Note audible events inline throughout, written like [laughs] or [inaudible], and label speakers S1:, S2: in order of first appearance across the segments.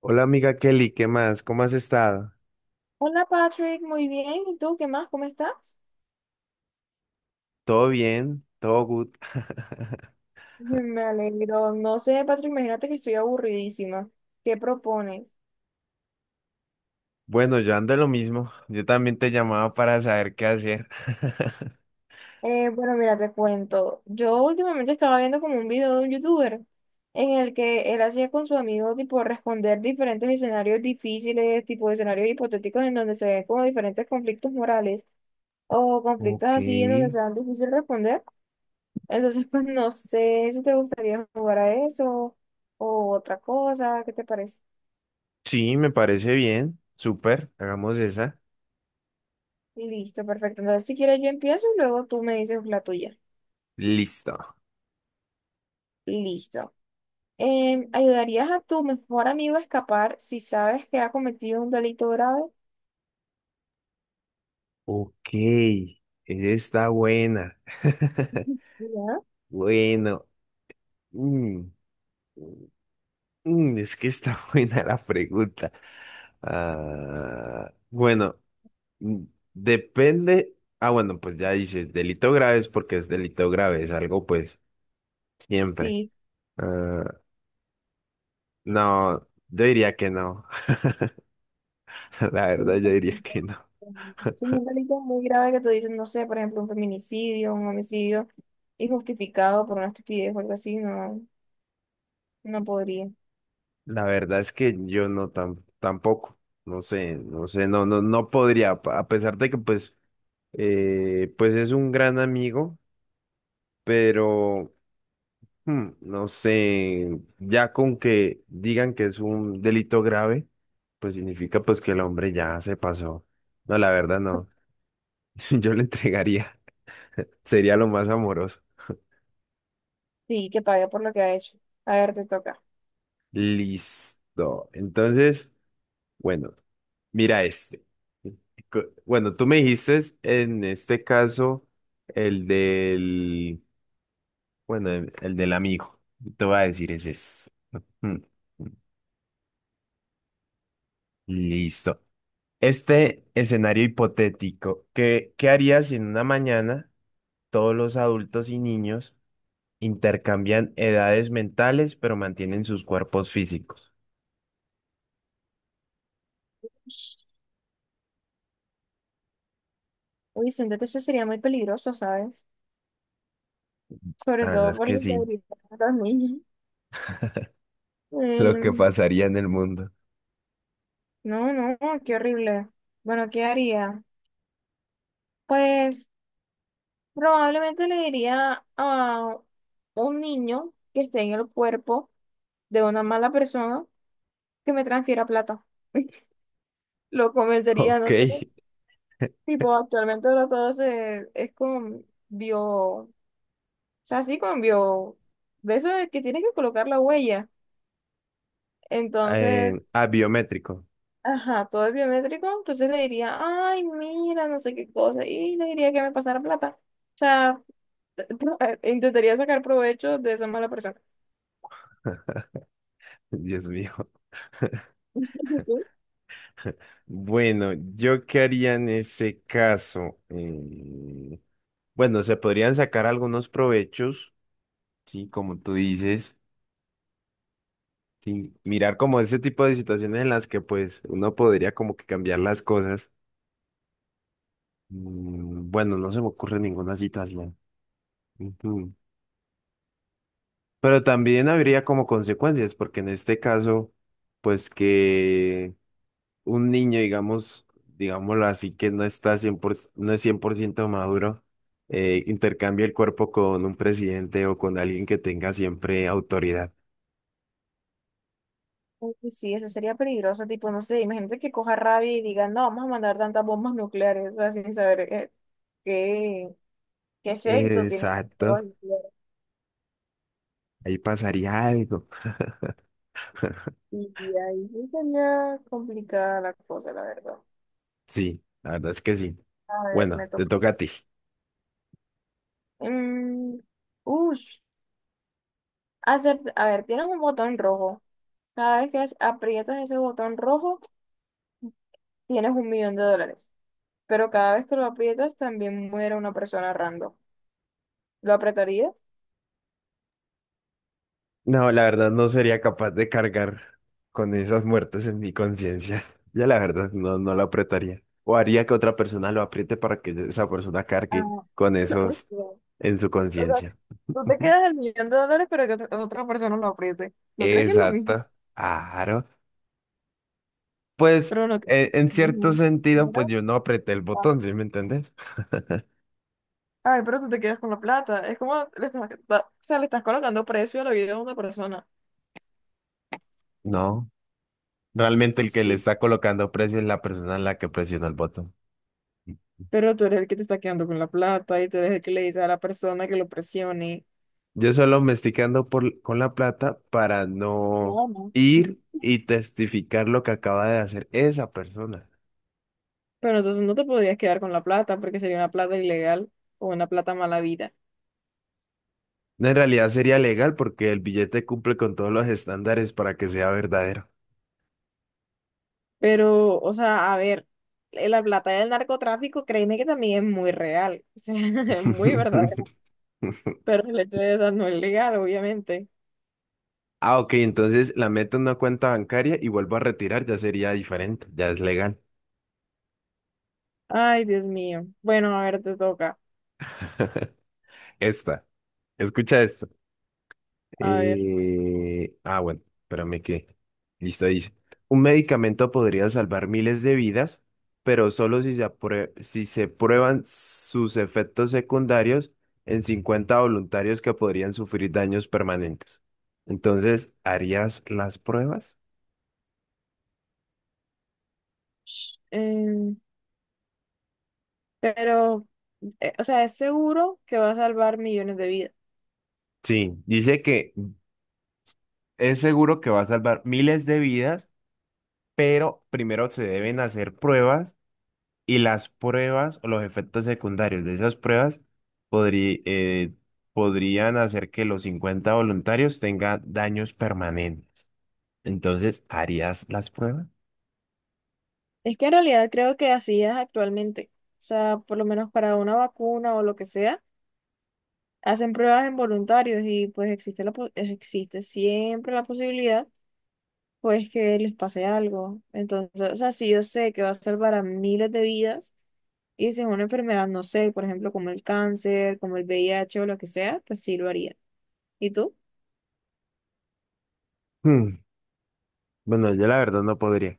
S1: Hola amiga Kelly, ¿qué más? ¿Cómo has estado?
S2: Hola Patrick, muy bien. ¿Y tú qué más? ¿Cómo estás?
S1: ¿Todo bien? ¿Todo good? [laughs]
S2: [laughs] Me alegro. No sé, Patrick, imagínate que estoy aburridísima. ¿Qué propones?
S1: Bueno, yo ando en lo mismo. Yo también te llamaba para saber qué hacer. [laughs]
S2: Bueno, mira, te cuento. Yo últimamente estaba viendo como un video de un youtuber en el que él hacía con su amigo tipo responder diferentes escenarios difíciles, tipo escenarios hipotéticos en donde se ven como diferentes conflictos morales o conflictos
S1: Ok.
S2: así en donde sean difícil responder. Entonces, [laughs] pues no sé si te gustaría jugar a eso o otra cosa, ¿qué te parece?
S1: Sí, me parece bien. Súper. Hagamos esa.
S2: Listo, perfecto. Entonces, si quieres, yo empiezo y luego tú me dices la tuya.
S1: Listo.
S2: Listo. ¿Ayudarías a tu mejor amigo a escapar si sabes que ha cometido un delito grave?
S1: Ok. Esa está buena.
S2: [laughs]
S1: [laughs]
S2: Ya.
S1: Bueno. mm, es que está [laughs] buena la pregunta. Ah, bueno. Mm, Depende. Ah, bueno, pues ya dices, delito grave es porque es delito grave, es algo pues siempre.
S2: Sí.
S1: Ah, no, yo diría que no. [laughs] La
S2: Sí,
S1: verdad, yo diría que no.
S2: sí,
S1: [laughs]
S2: un delito muy grave que tú dices, no sé, por ejemplo, un feminicidio, un homicidio injustificado por una estupidez o algo así, no, no podría.
S1: La verdad es que yo no tampoco. No sé, no sé, no, no, no podría, a pesar de que pues, pues es un gran amigo, pero No sé, ya con que digan que es un delito grave, pues significa pues que el hombre ya se pasó. No, la verdad no. [laughs] Yo le entregaría. [laughs] Sería lo más amoroso.
S2: Sí, que pague por lo que ha hecho. A ver, te toca.
S1: Listo. Entonces, bueno, mira este. Bueno, tú me dijiste en este caso el del, bueno, el del amigo. Te voy a decir es este. Hmm. Listo. Este escenario hipotético, ¿qué harías si en una mañana todos los adultos y niños intercambian edades mentales pero mantienen sus cuerpos físicos?
S2: Uy, siento que eso sería muy peligroso, ¿sabes? Sobre
S1: La verdad
S2: todo
S1: es
S2: por la
S1: que sí,
S2: integridad de los niños.
S1: lo que
S2: Em,
S1: pasaría en el mundo. [laughs]
S2: No, no, qué horrible. Bueno, ¿qué haría? Pues probablemente le diría a un niño que esté en el cuerpo de una mala persona que me transfiera plata. [laughs] Lo convencería,
S1: Ok,
S2: no sé. Tipo, actualmente ahora todo es con bio, o sea, sí, con bio, de eso de que tienes que colocar la huella. Entonces,
S1: ah, biométrico.
S2: ajá, todo es biométrico, entonces le diría, ay, mira, no sé qué cosa, y le diría que me pasara plata. O sea, [laughs] intentaría sacar provecho de esa mala persona.
S1: [laughs] Dios mío.
S2: [laughs] ¿Tú?
S1: Bueno, ¿yo qué haría en ese caso? Bueno, se podrían sacar algunos provechos, sí, como tú dices. Sí, mirar como ese tipo de situaciones en las que pues uno podría como que cambiar las cosas. Bueno, no se me ocurre ninguna situación. Ujú. Pero también habría como consecuencias, porque en este caso, pues que un niño, digamos, digámoslo así, que no está 100%, no es 100% maduro, intercambie el cuerpo con un presidente o con alguien que tenga siempre autoridad.
S2: Uy, sí, eso sería peligroso, tipo, no sé, imagínate que coja rabia y diga, no, vamos a mandar tantas bombas nucleares, o sea, sin saber qué, qué efecto tiene las bombas
S1: Exacto,
S2: nucleares.
S1: ahí pasaría algo.
S2: Y ahí sí sería complicada la cosa, la verdad.
S1: Sí, la verdad es que sí.
S2: A ver, me
S1: Bueno, te
S2: toca.
S1: toca a ti.
S2: Mm, ush, a ver, tienes un botón rojo. Cada vez que aprietas ese botón rojo, tienes 1.000.000 de dólares. Pero cada vez que lo aprietas también muere una persona random. ¿Lo apretarías?
S1: No, la verdad no sería capaz de cargar con esas muertes en mi conciencia. [laughs] Ya la verdad no, no lo apretaría. O haría que otra persona lo apriete para que esa persona
S2: Ah,
S1: cargue con
S2: no,
S1: esos
S2: no.
S1: en su
S2: O sea,
S1: conciencia.
S2: tú te
S1: Ujú.
S2: quedas el 1.000.000 de dólares, pero que otra persona lo apriete. ¿No crees que es lo mismo?
S1: Exacto. Claro. Pues
S2: Pero no.
S1: en cierto
S2: Ujú.
S1: sentido, pues yo no apreté el botón,
S2: Ah,
S1: ¿sí me entendés?
S2: ay, pero tú te quedas con la plata. Es como le estás, o sea, le estás colocando precio a la vida de una persona.
S1: No. Realmente el que le
S2: Sí.
S1: está colocando precio es la persona en la que presionó el botón.
S2: Pero tú eres el que te está quedando con la plata y tú eres el que le dice a la persona que lo presione.
S1: Yo solo me estoy quedando con la plata para no
S2: No, no.
S1: ir y testificar lo que acaba de hacer esa persona.
S2: Pero entonces no te podrías quedar con la plata porque sería una plata ilegal o una plata mal.
S1: No, en realidad sería legal porque el billete cumple con todos los estándares para que sea verdadero.
S2: Pero, o sea, a ver, la plata del narcotráfico, créeme que también es muy real, [laughs] o sea, es muy
S1: [laughs]
S2: verdadero. Pero el hecho de esa no es legal, obviamente.
S1: Ah, ok, entonces la meto en una cuenta bancaria y vuelvo a retirar, ya sería diferente, ya es legal.
S2: Ay, Dios mío. Bueno, a ver, te toca.
S1: [laughs] Esta, escucha esta.
S2: A ver.
S1: Ah, bueno, espérame que. Listo, dice. Un medicamento podría salvar miles de vidas, pero solo si se prueban sus efectos secundarios en 50 voluntarios que podrían sufrir daños permanentes. Entonces, ¿harías las pruebas?
S2: Sh- Em, pero, o sea, es seguro que va a salvar millones de vidas.
S1: Sí, dice que es seguro que va a salvar miles de vidas, pero primero se deben hacer pruebas. Y las pruebas o los efectos secundarios de esas pruebas podrí- eh, podrían hacer que los 50 voluntarios tengan daños permanentes. Entonces, ¿harías las pruebas?
S2: Es que en realidad creo que así es actualmente. O sea, por lo menos para una vacuna o lo que sea, hacen pruebas en voluntarios y pues existe existe siempre la posibilidad o es que les pase algo. Entonces, o sea, si yo sé que va a salvar a miles de vidas y si es una enfermedad, no sé, por ejemplo, como el cáncer, como el VIH o lo que sea, pues sí lo haría. ¿Y tú?
S1: Hmm, Bueno, yo la verdad no podría.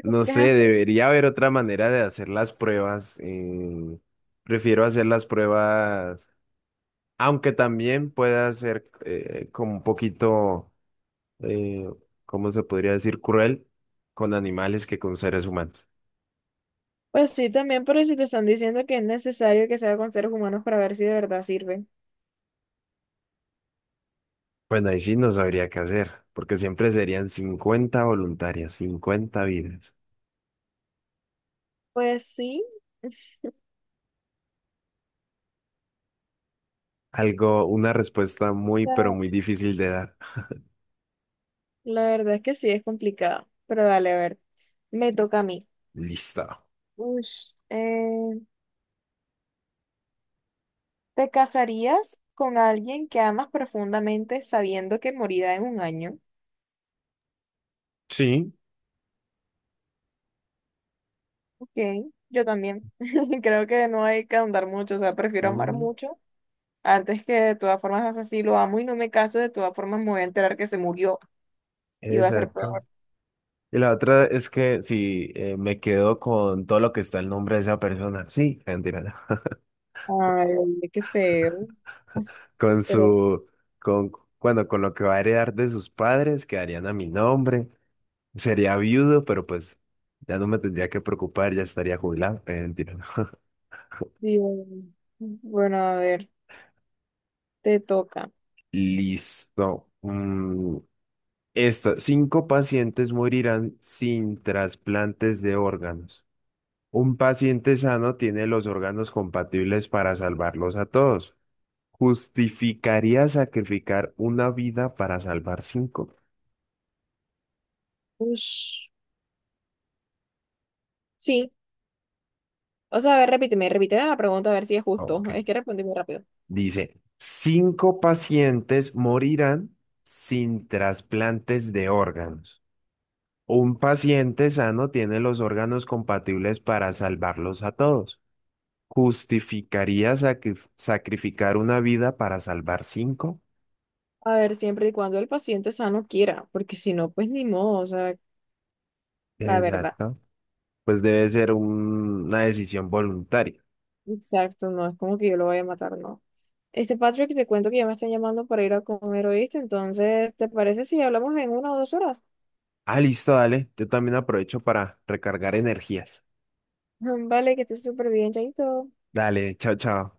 S1: No
S2: Qué.
S1: sé, debería haber otra manera de hacer las pruebas. Prefiero hacer las pruebas, aunque también pueda ser como un poquito, eh, ¿cómo se podría decir? Cruel con animales que con seres humanos.
S2: Pues sí, también, pero si te están diciendo que es necesario que sea con seres humanos para ver si de verdad sirve.
S1: Bueno, ahí sí no sabría qué hacer, porque siempre serían 50 voluntarios, 50 vidas.
S2: Pues sí, o
S1: Algo, una respuesta muy, pero
S2: sea,
S1: muy difícil de dar.
S2: la verdad es que sí es complicado. Pero dale, a ver, me toca a mí.
S1: Listo.
S2: Ush, ¿te casarías con alguien que amas profundamente sabiendo que morirá en un año?
S1: Sí.
S2: Ok, yo también. [laughs] Creo que no hay que ahondar mucho, o sea, prefiero amar
S1: Ujú,
S2: mucho antes que de todas formas, así lo amo y no me caso, de todas formas me voy a enterar que se murió y va a ser
S1: exacto.
S2: peor.
S1: Y la otra es que si me quedo con todo lo que está el nombre de esa persona. Sí, mentira, no. [laughs]
S2: Ay, qué feo. [laughs] Uf,
S1: Con
S2: pero,
S1: su, con, bueno, con lo que va a heredar de sus padres, quedarían a mi nombre. Sería viudo, pero pues ya no me tendría que preocupar, ya estaría jubilado. Mentira. No.
S2: digo, bueno, a ver, te toca.
S1: Listo. Esta. Cinco pacientes morirán sin trasplantes de órganos. Un paciente sano tiene los órganos compatibles para salvarlos a todos. ¿Justificaría sacrificar una vida para salvar cinco?
S2: Ush. Sí, o sea, a ver, repíteme, repíteme la pregunta a ver si es
S1: Ah,
S2: justo.
S1: ok.
S2: Es que respondí muy rápido.
S1: Dice, cinco pacientes morirán sin trasplantes de órganos. Un paciente sano tiene los órganos compatibles para salvarlos a todos. ¿Justificaría sacrificar una vida para salvar cinco?
S2: A ver, siempre y cuando el paciente sano quiera, porque si no, pues ni modo, o sea, la verdad.
S1: Exacto. Pues debe ser una decisión voluntaria.
S2: Exacto, no es como que yo lo vaya a matar, no. Patrick, te cuento que ya me están llamando para ir a comer, ¿oíste? Entonces, ¿te parece si hablamos en 1 o 2 horas?
S1: Ah, listo, dale. Yo también aprovecho para recargar energías.
S2: [laughs] Vale, que estés súper bien, chaito.
S1: Dale, chao, chao.